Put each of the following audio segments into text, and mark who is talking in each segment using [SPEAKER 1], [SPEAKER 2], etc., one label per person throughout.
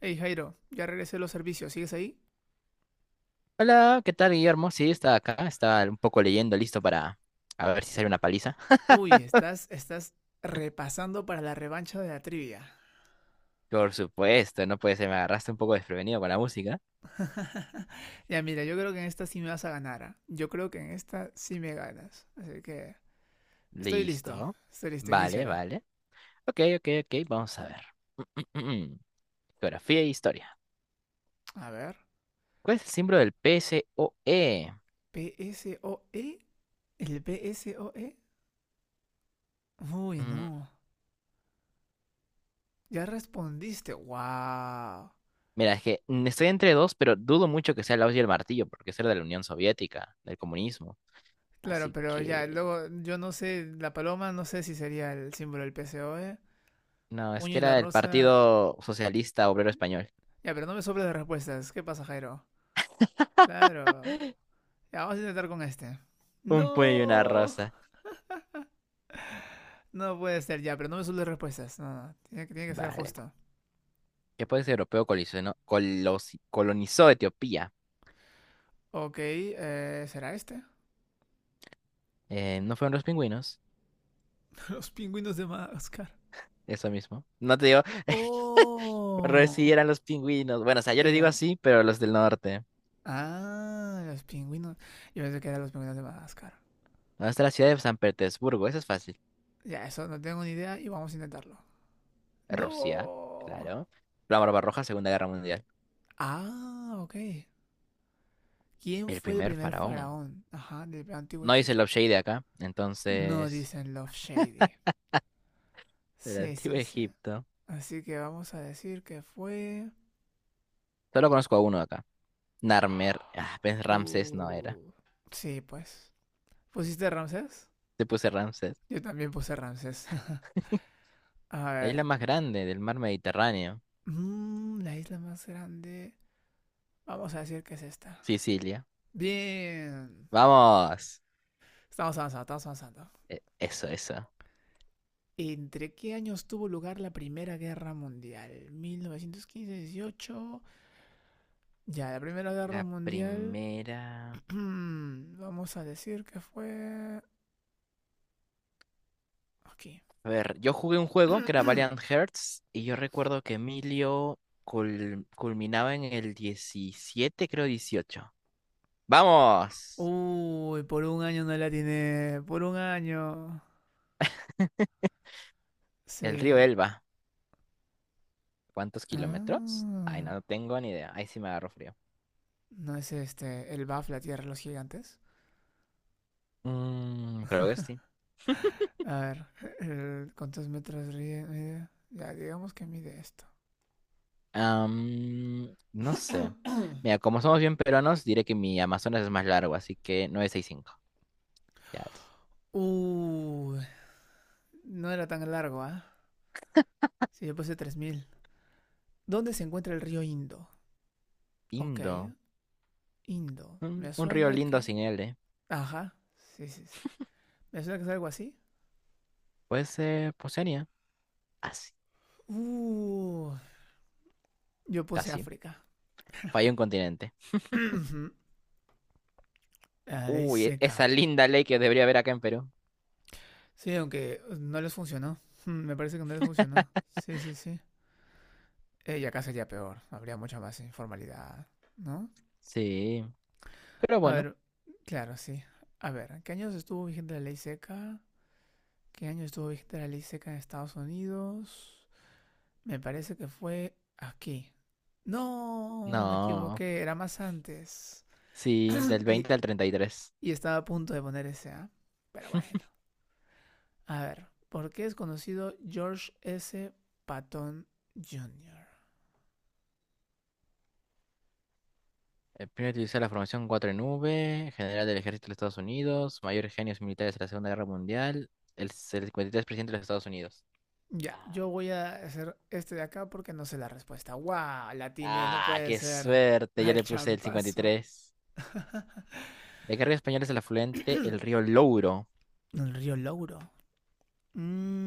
[SPEAKER 1] Hey Jairo, ya regresé a los servicios, ¿sigues ahí?
[SPEAKER 2] Hola, ¿qué tal, Guillermo? Sí, estaba acá, estaba un poco leyendo, listo para a ver si sale una paliza.
[SPEAKER 1] Uy, estás repasando para la revancha de la trivia.
[SPEAKER 2] Por supuesto, no puede ser, me agarraste un poco desprevenido con la música.
[SPEAKER 1] Ya mira, yo creo que en esta sí me vas a ganar. ¿Ah? Yo creo que en esta sí me ganas. Así que
[SPEAKER 2] Listo.
[SPEAKER 1] estoy listo,
[SPEAKER 2] Vale,
[SPEAKER 1] iníciala.
[SPEAKER 2] vale. Ok, ok, ok, vamos a ver. Geografía e historia.
[SPEAKER 1] A ver,
[SPEAKER 2] ¿Cuál es el símbolo del PSOE?
[SPEAKER 1] P S O E, el P S O E. Uy,
[SPEAKER 2] Mm,
[SPEAKER 1] no, ya respondiste, wow.
[SPEAKER 2] Mira, es que estoy entre dos, pero dudo mucho que sea el auge y el martillo, porque eso era de la Unión Soviética, del comunismo.
[SPEAKER 1] Claro,
[SPEAKER 2] Así
[SPEAKER 1] pero ya,
[SPEAKER 2] que...
[SPEAKER 1] luego yo no sé, la paloma no sé si sería el símbolo del P S O E.
[SPEAKER 2] No, es
[SPEAKER 1] Puño
[SPEAKER 2] que
[SPEAKER 1] y la
[SPEAKER 2] era el
[SPEAKER 1] rosa.
[SPEAKER 2] Partido Socialista Obrero Español.
[SPEAKER 1] Ya, pero no me sobres de respuestas. ¿Qué pasa, Jairo? Claro. Ya, vamos a intentar con este.
[SPEAKER 2] Un puño y una
[SPEAKER 1] No.
[SPEAKER 2] rosa.
[SPEAKER 1] No puede ser ya, pero no me suelen respuestas. No, no. Tiene que ser
[SPEAKER 2] Vale.
[SPEAKER 1] justo.
[SPEAKER 2] ¿Qué país europeo colisionó- colosi colonizó Etiopía?
[SPEAKER 1] Ok, ¿será este?
[SPEAKER 2] ¿No fueron los pingüinos?
[SPEAKER 1] Los pingüinos de Madagascar.
[SPEAKER 2] Eso mismo. No te digo, pero sí
[SPEAKER 1] Oh.
[SPEAKER 2] eran los pingüinos. Bueno, o sea, yo le digo
[SPEAKER 1] Era.
[SPEAKER 2] así, pero los del norte.
[SPEAKER 1] Ah, los pingüinos. Yo pensé que eran los pingüinos de Madagascar.
[SPEAKER 2] ¿Dónde está la ciudad de San Petersburgo? Eso es fácil.
[SPEAKER 1] Ya, eso no tengo ni idea y vamos a intentarlo.
[SPEAKER 2] Rusia,
[SPEAKER 1] No.
[SPEAKER 2] claro. La Barbarroja, Segunda Guerra Mundial.
[SPEAKER 1] Ah, ok. ¿Quién
[SPEAKER 2] El
[SPEAKER 1] fue el
[SPEAKER 2] primer
[SPEAKER 1] primer
[SPEAKER 2] faraón.
[SPEAKER 1] faraón? Ajá, del antiguo
[SPEAKER 2] No dice
[SPEAKER 1] Egipto.
[SPEAKER 2] Love Shady acá,
[SPEAKER 1] No
[SPEAKER 2] entonces.
[SPEAKER 1] dicen Love Shady.
[SPEAKER 2] Del
[SPEAKER 1] Sí,
[SPEAKER 2] Antiguo
[SPEAKER 1] sí, sí.
[SPEAKER 2] Egipto.
[SPEAKER 1] Así que vamos a decir que fue...
[SPEAKER 2] Solo conozco a uno acá. Narmer. Ah, pues Ramsés no era.
[SPEAKER 1] Uh, sí, pues. ¿Pusiste Ramsés?
[SPEAKER 2] Te puse Ramsés.
[SPEAKER 1] Yo también puse Ramsés. A
[SPEAKER 2] La isla
[SPEAKER 1] ver.
[SPEAKER 2] más grande del mar Mediterráneo.
[SPEAKER 1] Mm, la isla más grande. Vamos a decir que es esta.
[SPEAKER 2] Sicilia.
[SPEAKER 1] Bien.
[SPEAKER 2] Vamos.
[SPEAKER 1] Estamos avanzando.
[SPEAKER 2] Eso, eso.
[SPEAKER 1] ¿Entre qué años tuvo lugar la Primera Guerra Mundial? 1915-18. Ya, la Primera Guerra
[SPEAKER 2] La
[SPEAKER 1] Mundial.
[SPEAKER 2] primera.
[SPEAKER 1] Vamos a decir que fue. Aquí.
[SPEAKER 2] A ver, yo jugué un juego que era Valiant Hearts y yo recuerdo que Emilio culminaba en el 17 creo 18. ¡Vamos!
[SPEAKER 1] Uy, por un año no la tiene. Por un año.
[SPEAKER 2] El río
[SPEAKER 1] Sí.
[SPEAKER 2] Elba. ¿Cuántos kilómetros? Ay,
[SPEAKER 1] Ah.
[SPEAKER 2] no, no tengo ni idea. Ahí sí me agarro frío.
[SPEAKER 1] ¿No es este el BAF, la Tierra de los Gigantes?
[SPEAKER 2] Creo que sí.
[SPEAKER 1] A ver, ¿ mide? Ya, digamos que mide esto.
[SPEAKER 2] No sé. Mira, como somos bien peruanos, diré que mi Amazonas es más largo, así que 965. Ya.
[SPEAKER 1] Uh, no era tan largo, ¿ah? Sí, yo puse 3000. ¿Dónde se encuentra el río Indo? Ok,
[SPEAKER 2] Lindo.
[SPEAKER 1] Indo.
[SPEAKER 2] Un,
[SPEAKER 1] Me
[SPEAKER 2] un río
[SPEAKER 1] suena
[SPEAKER 2] lindo
[SPEAKER 1] que...
[SPEAKER 2] sin L.
[SPEAKER 1] Ajá, sí, sí, sí. Me suena que es algo así.
[SPEAKER 2] Puede ser Oceanía. Así,
[SPEAKER 1] Uh, yo puse
[SPEAKER 2] casi.
[SPEAKER 1] África.
[SPEAKER 2] Falló un continente.
[SPEAKER 1] La ley
[SPEAKER 2] Uy, esa
[SPEAKER 1] seca.
[SPEAKER 2] linda ley que debería haber acá en Perú.
[SPEAKER 1] Sí, aunque no les funcionó. Mm, me parece que no les funcionó. Sí, sí, sí. Y acá sería peor. Habría mucha más informalidad, ¿no?
[SPEAKER 2] Sí, pero
[SPEAKER 1] A
[SPEAKER 2] bueno.
[SPEAKER 1] ver, claro, sí. A ver, ¿qué años estuvo vigente la ley seca? ¿Qué año estuvo vigente la ley seca en Estados Unidos? Me parece que fue aquí. No, me
[SPEAKER 2] No,
[SPEAKER 1] equivoqué. Era más antes.
[SPEAKER 2] sí, del
[SPEAKER 1] Y,
[SPEAKER 2] 20 al 33.
[SPEAKER 1] y estaba a punto de poner ese, ¿ah? Pero bueno. A ver, ¿por qué es conocido George S. Patton Jr.?
[SPEAKER 2] El primero utilizó la formación 4 en V, general del ejército de los Estados Unidos, mayor genios militares de la Segunda Guerra Mundial, el 53% de los Estados Unidos.
[SPEAKER 1] Ya,
[SPEAKER 2] Ah,
[SPEAKER 1] yo voy a hacer este de acá porque no sé la respuesta. ¡Guau! La atiné, no
[SPEAKER 2] ah,
[SPEAKER 1] puede
[SPEAKER 2] qué
[SPEAKER 1] ser.
[SPEAKER 2] suerte, yo
[SPEAKER 1] Al
[SPEAKER 2] le puse el
[SPEAKER 1] champazo.
[SPEAKER 2] 53. De qué río español es el afluente, el río Louro.
[SPEAKER 1] El río Louro.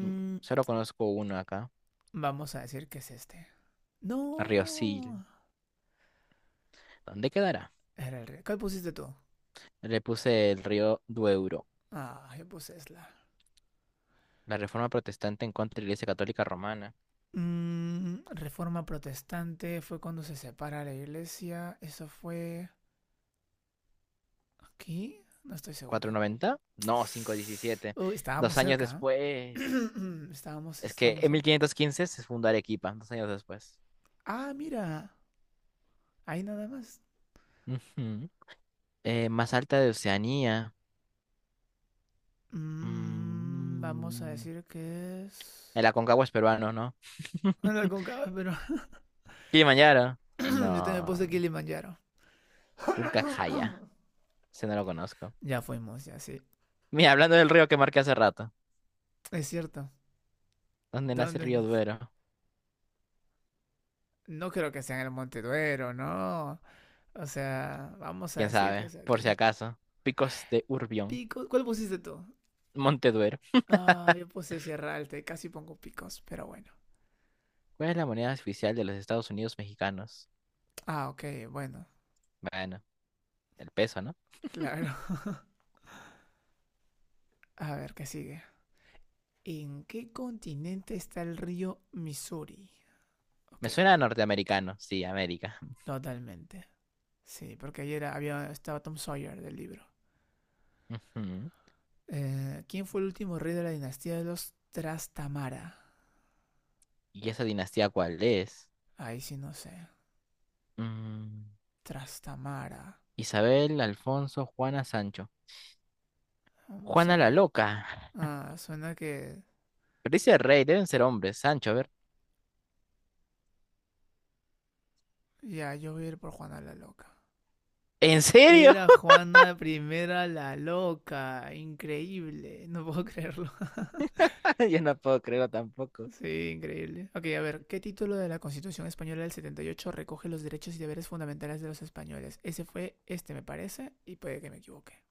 [SPEAKER 2] Mm, Solo conozco uno acá,
[SPEAKER 1] vamos a decir que es este.
[SPEAKER 2] el río Sil.
[SPEAKER 1] ¡No!
[SPEAKER 2] ¿Dónde quedará?
[SPEAKER 1] Era el río. ¿Cuál pusiste tú?
[SPEAKER 2] Le puse el río Duero.
[SPEAKER 1] Ah, yo puse Esla.
[SPEAKER 2] La reforma protestante en contra de la Iglesia Católica Romana.
[SPEAKER 1] Mm, reforma protestante fue cuando se separa la iglesia. Eso fue aquí. No estoy seguro.
[SPEAKER 2] ¿490? No, 517.
[SPEAKER 1] Uy,
[SPEAKER 2] Dos
[SPEAKER 1] estábamos
[SPEAKER 2] años
[SPEAKER 1] cerca. ¿Eh?
[SPEAKER 2] después.
[SPEAKER 1] estábamos,
[SPEAKER 2] Es que
[SPEAKER 1] estábamos
[SPEAKER 2] en
[SPEAKER 1] cerca.
[SPEAKER 2] 1515 se fundó Arequipa, 2 años después.
[SPEAKER 1] Ah, mira. Ahí nada más.
[SPEAKER 2] Ujú. Más alta de Oceanía.
[SPEAKER 1] Mm, vamos a
[SPEAKER 2] Mm.
[SPEAKER 1] decir que es.
[SPEAKER 2] El Aconcagua es peruano, ¿no?
[SPEAKER 1] No la concaba, pero
[SPEAKER 2] Kilimanjaro.
[SPEAKER 1] yo también puse
[SPEAKER 2] No.
[SPEAKER 1] Kilimanjaro.
[SPEAKER 2] Puncajaya. Ese no lo conozco.
[SPEAKER 1] Ya fuimos, ya sí.
[SPEAKER 2] Mira, hablando del río que marqué hace rato.
[SPEAKER 1] Es cierto.
[SPEAKER 2] ¿Dónde nace el
[SPEAKER 1] ¿Dónde
[SPEAKER 2] río
[SPEAKER 1] más?
[SPEAKER 2] Duero?
[SPEAKER 1] No creo que sea en el Monte Duero, no. O sea, vamos a
[SPEAKER 2] ¿Quién
[SPEAKER 1] decir que
[SPEAKER 2] sabe?
[SPEAKER 1] es
[SPEAKER 2] Por si
[SPEAKER 1] aquí.
[SPEAKER 2] acaso. Picos de Urbión.
[SPEAKER 1] Pico. ¿Cuál pusiste tú?
[SPEAKER 2] Monteduero.
[SPEAKER 1] Ah, yo puse Sierra Alta y casi pongo picos, pero bueno.
[SPEAKER 2] ¿Cuál es la moneda oficial de los Estados Unidos mexicanos?
[SPEAKER 1] Ah, ok, bueno,
[SPEAKER 2] Bueno, el peso, ¿no?
[SPEAKER 1] claro. A ver, ¿qué sigue? ¿En qué continente está el río Missouri?
[SPEAKER 2] Me
[SPEAKER 1] Ok.
[SPEAKER 2] suena a norteamericano. Sí, América.
[SPEAKER 1] Totalmente. Sí, porque ayer había, estaba Tom Sawyer del libro.
[SPEAKER 2] Ujú.
[SPEAKER 1] ¿Quién fue el último rey de la dinastía de los Trastamara?
[SPEAKER 2] ¿Y esa dinastía cuál es?
[SPEAKER 1] Ahí sí no sé.
[SPEAKER 2] Mm,
[SPEAKER 1] Trastamara.
[SPEAKER 2] Isabel, Alfonso, Juana, Sancho.
[SPEAKER 1] Vamos a...
[SPEAKER 2] Juana la loca.
[SPEAKER 1] Ah, suena que...
[SPEAKER 2] Pero dice rey, deben ser hombres. Sancho, a ver.
[SPEAKER 1] Ya, yo voy a ir por Juana la Loca.
[SPEAKER 2] ¿En serio?
[SPEAKER 1] Era Juana Primera la Loca. Increíble. No puedo creerlo.
[SPEAKER 2] Yo no puedo creerlo tampoco.
[SPEAKER 1] Sí, increíble. Ok, a ver. ¿Qué título de la Constitución Española del 78 recoge los derechos y deberes fundamentales de los españoles? Ese fue este, me parece, y puede que me equivoque.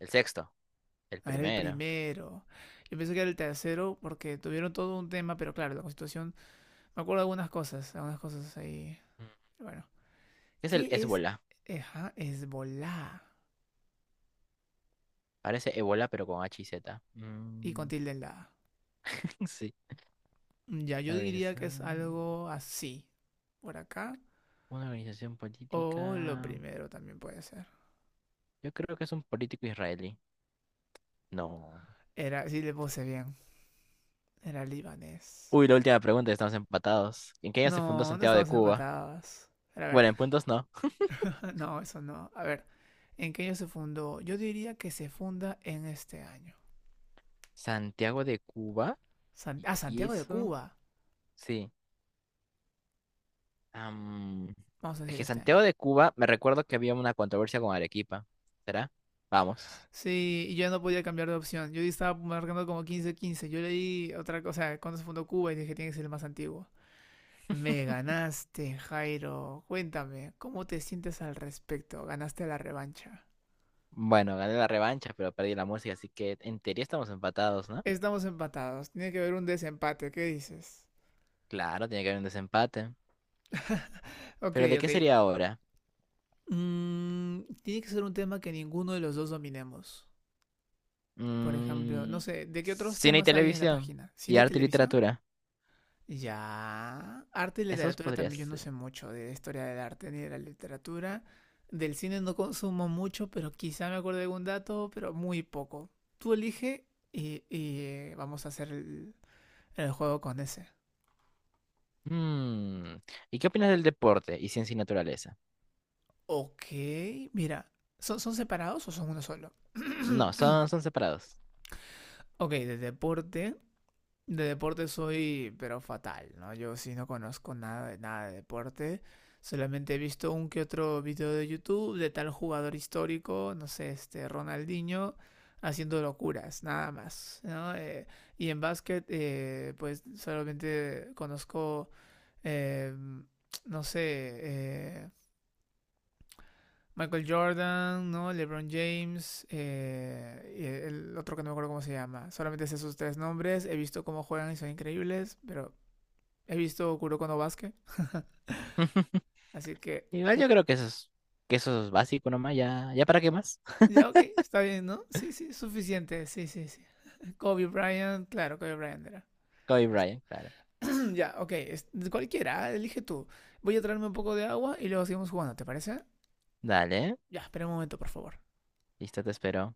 [SPEAKER 2] El sexto. El
[SPEAKER 1] Ah, era el
[SPEAKER 2] primero.
[SPEAKER 1] primero. Yo pensé que era el tercero porque tuvieron todo un tema, pero claro, la constitución. Me acuerdo de algunas cosas ahí.
[SPEAKER 2] Mm.
[SPEAKER 1] Bueno,
[SPEAKER 2] ¿Qué es el
[SPEAKER 1] ¿qué es
[SPEAKER 2] Ébola?
[SPEAKER 1] Eja, Hezbollah?
[SPEAKER 2] Parece Ébola, pero con H y Z.
[SPEAKER 1] Y con
[SPEAKER 2] Mm,
[SPEAKER 1] tilde en la A.
[SPEAKER 2] Sí.
[SPEAKER 1] Ya, yo
[SPEAKER 2] La
[SPEAKER 1] diría que es
[SPEAKER 2] organización.
[SPEAKER 1] algo así. Por acá.
[SPEAKER 2] Una organización
[SPEAKER 1] O lo
[SPEAKER 2] política.
[SPEAKER 1] primero también puede ser.
[SPEAKER 2] Yo creo que es un político israelí. No.
[SPEAKER 1] Era, sí le puse bien. Era libanés.
[SPEAKER 2] Uy, la última pregunta, estamos empatados. ¿En qué año se fundó
[SPEAKER 1] No, no
[SPEAKER 2] Santiago de
[SPEAKER 1] estamos
[SPEAKER 2] Cuba?
[SPEAKER 1] empatadas. A ver,
[SPEAKER 2] Bueno, en puntos no.
[SPEAKER 1] no, eso no. A ver, ¿en qué año se fundó? Yo diría que se funda en este año.
[SPEAKER 2] Santiago de Cuba.
[SPEAKER 1] San-
[SPEAKER 2] ¿Y
[SPEAKER 1] ah,
[SPEAKER 2] y
[SPEAKER 1] Santiago de
[SPEAKER 2] eso?
[SPEAKER 1] Cuba.
[SPEAKER 2] Sí. Am,
[SPEAKER 1] Vamos a
[SPEAKER 2] es
[SPEAKER 1] decir
[SPEAKER 2] que
[SPEAKER 1] este
[SPEAKER 2] Santiago
[SPEAKER 1] año.
[SPEAKER 2] de Cuba, me recuerdo que había una controversia con Arequipa. ¿Será? Vamos.
[SPEAKER 1] Sí, y yo no podía cambiar de opción. Yo estaba marcando como 1515. Yo leí otra cosa, cuando se fundó Cuba y dije, tiene que ser el más antiguo. Me ganaste, Jairo. Cuéntame, ¿cómo te sientes al respecto? Ganaste la revancha.
[SPEAKER 2] Bueno, gané la revancha, pero perdí la música, así que en teoría estamos empatados, ¿no?
[SPEAKER 1] Estamos empatados. Tiene que haber un desempate. ¿Qué dices?
[SPEAKER 2] Claro, tiene que haber un desempate.
[SPEAKER 1] Ok,
[SPEAKER 2] ¿Pero de
[SPEAKER 1] ok.
[SPEAKER 2] qué sería ahora?
[SPEAKER 1] Mm, tiene que ser un tema que ninguno de los dos dominemos. Por ejemplo, no
[SPEAKER 2] Mm,
[SPEAKER 1] sé, ¿de qué otros
[SPEAKER 2] cine y
[SPEAKER 1] temas hay en la
[SPEAKER 2] televisión
[SPEAKER 1] página?
[SPEAKER 2] y
[SPEAKER 1] ¿Cine y
[SPEAKER 2] arte y
[SPEAKER 1] televisión?
[SPEAKER 2] literatura.
[SPEAKER 1] Ya. Arte y
[SPEAKER 2] Esos
[SPEAKER 1] literatura también, yo
[SPEAKER 2] podrías.
[SPEAKER 1] no sé mucho de historia del arte ni de la literatura. Del cine no consumo mucho, pero quizá me acuerdo de algún dato, pero muy poco. Tú elige y, vamos a hacer el juego con ese.
[SPEAKER 2] Mm, ¿Y qué opinas del deporte y ciencia y naturaleza?
[SPEAKER 1] Ok, mira. ¿Son separados o son uno solo?
[SPEAKER 2] No, son, son separados.
[SPEAKER 1] Ok, de deporte. De deporte soy, pero fatal, ¿no? Yo sí no conozco nada de nada de deporte. Solamente he visto un que otro video de YouTube de tal jugador histórico, no sé, este Ronaldinho, haciendo locuras, nada más, ¿no? Y en básquet, pues solamente conozco, eh, no sé, eh, Michael Jordan, ¿no? LeBron James, y el otro que no me acuerdo cómo se llama. Solamente sé sus tres nombres, he visto cómo juegan y son increíbles, pero he visto Kuroko no Basket, así que...
[SPEAKER 2] Igual
[SPEAKER 1] Ku-
[SPEAKER 2] yo creo que que eso es básico nomás, ya, ¿ya para qué más?
[SPEAKER 1] ya, ok, está bien, ¿no? Sí, sí, suficiente, sí, sí, sí. Kobe Bryant, claro, Kobe Bryant era.
[SPEAKER 2] Kobe Bryant, claro.
[SPEAKER 1] Ya, ok, es- cualquiera, elige tú. Voy a traerme un poco de agua y luego seguimos jugando, ¿te parece?
[SPEAKER 2] Dale,
[SPEAKER 1] Ya, espera un momento, por favor.
[SPEAKER 2] listo, te espero.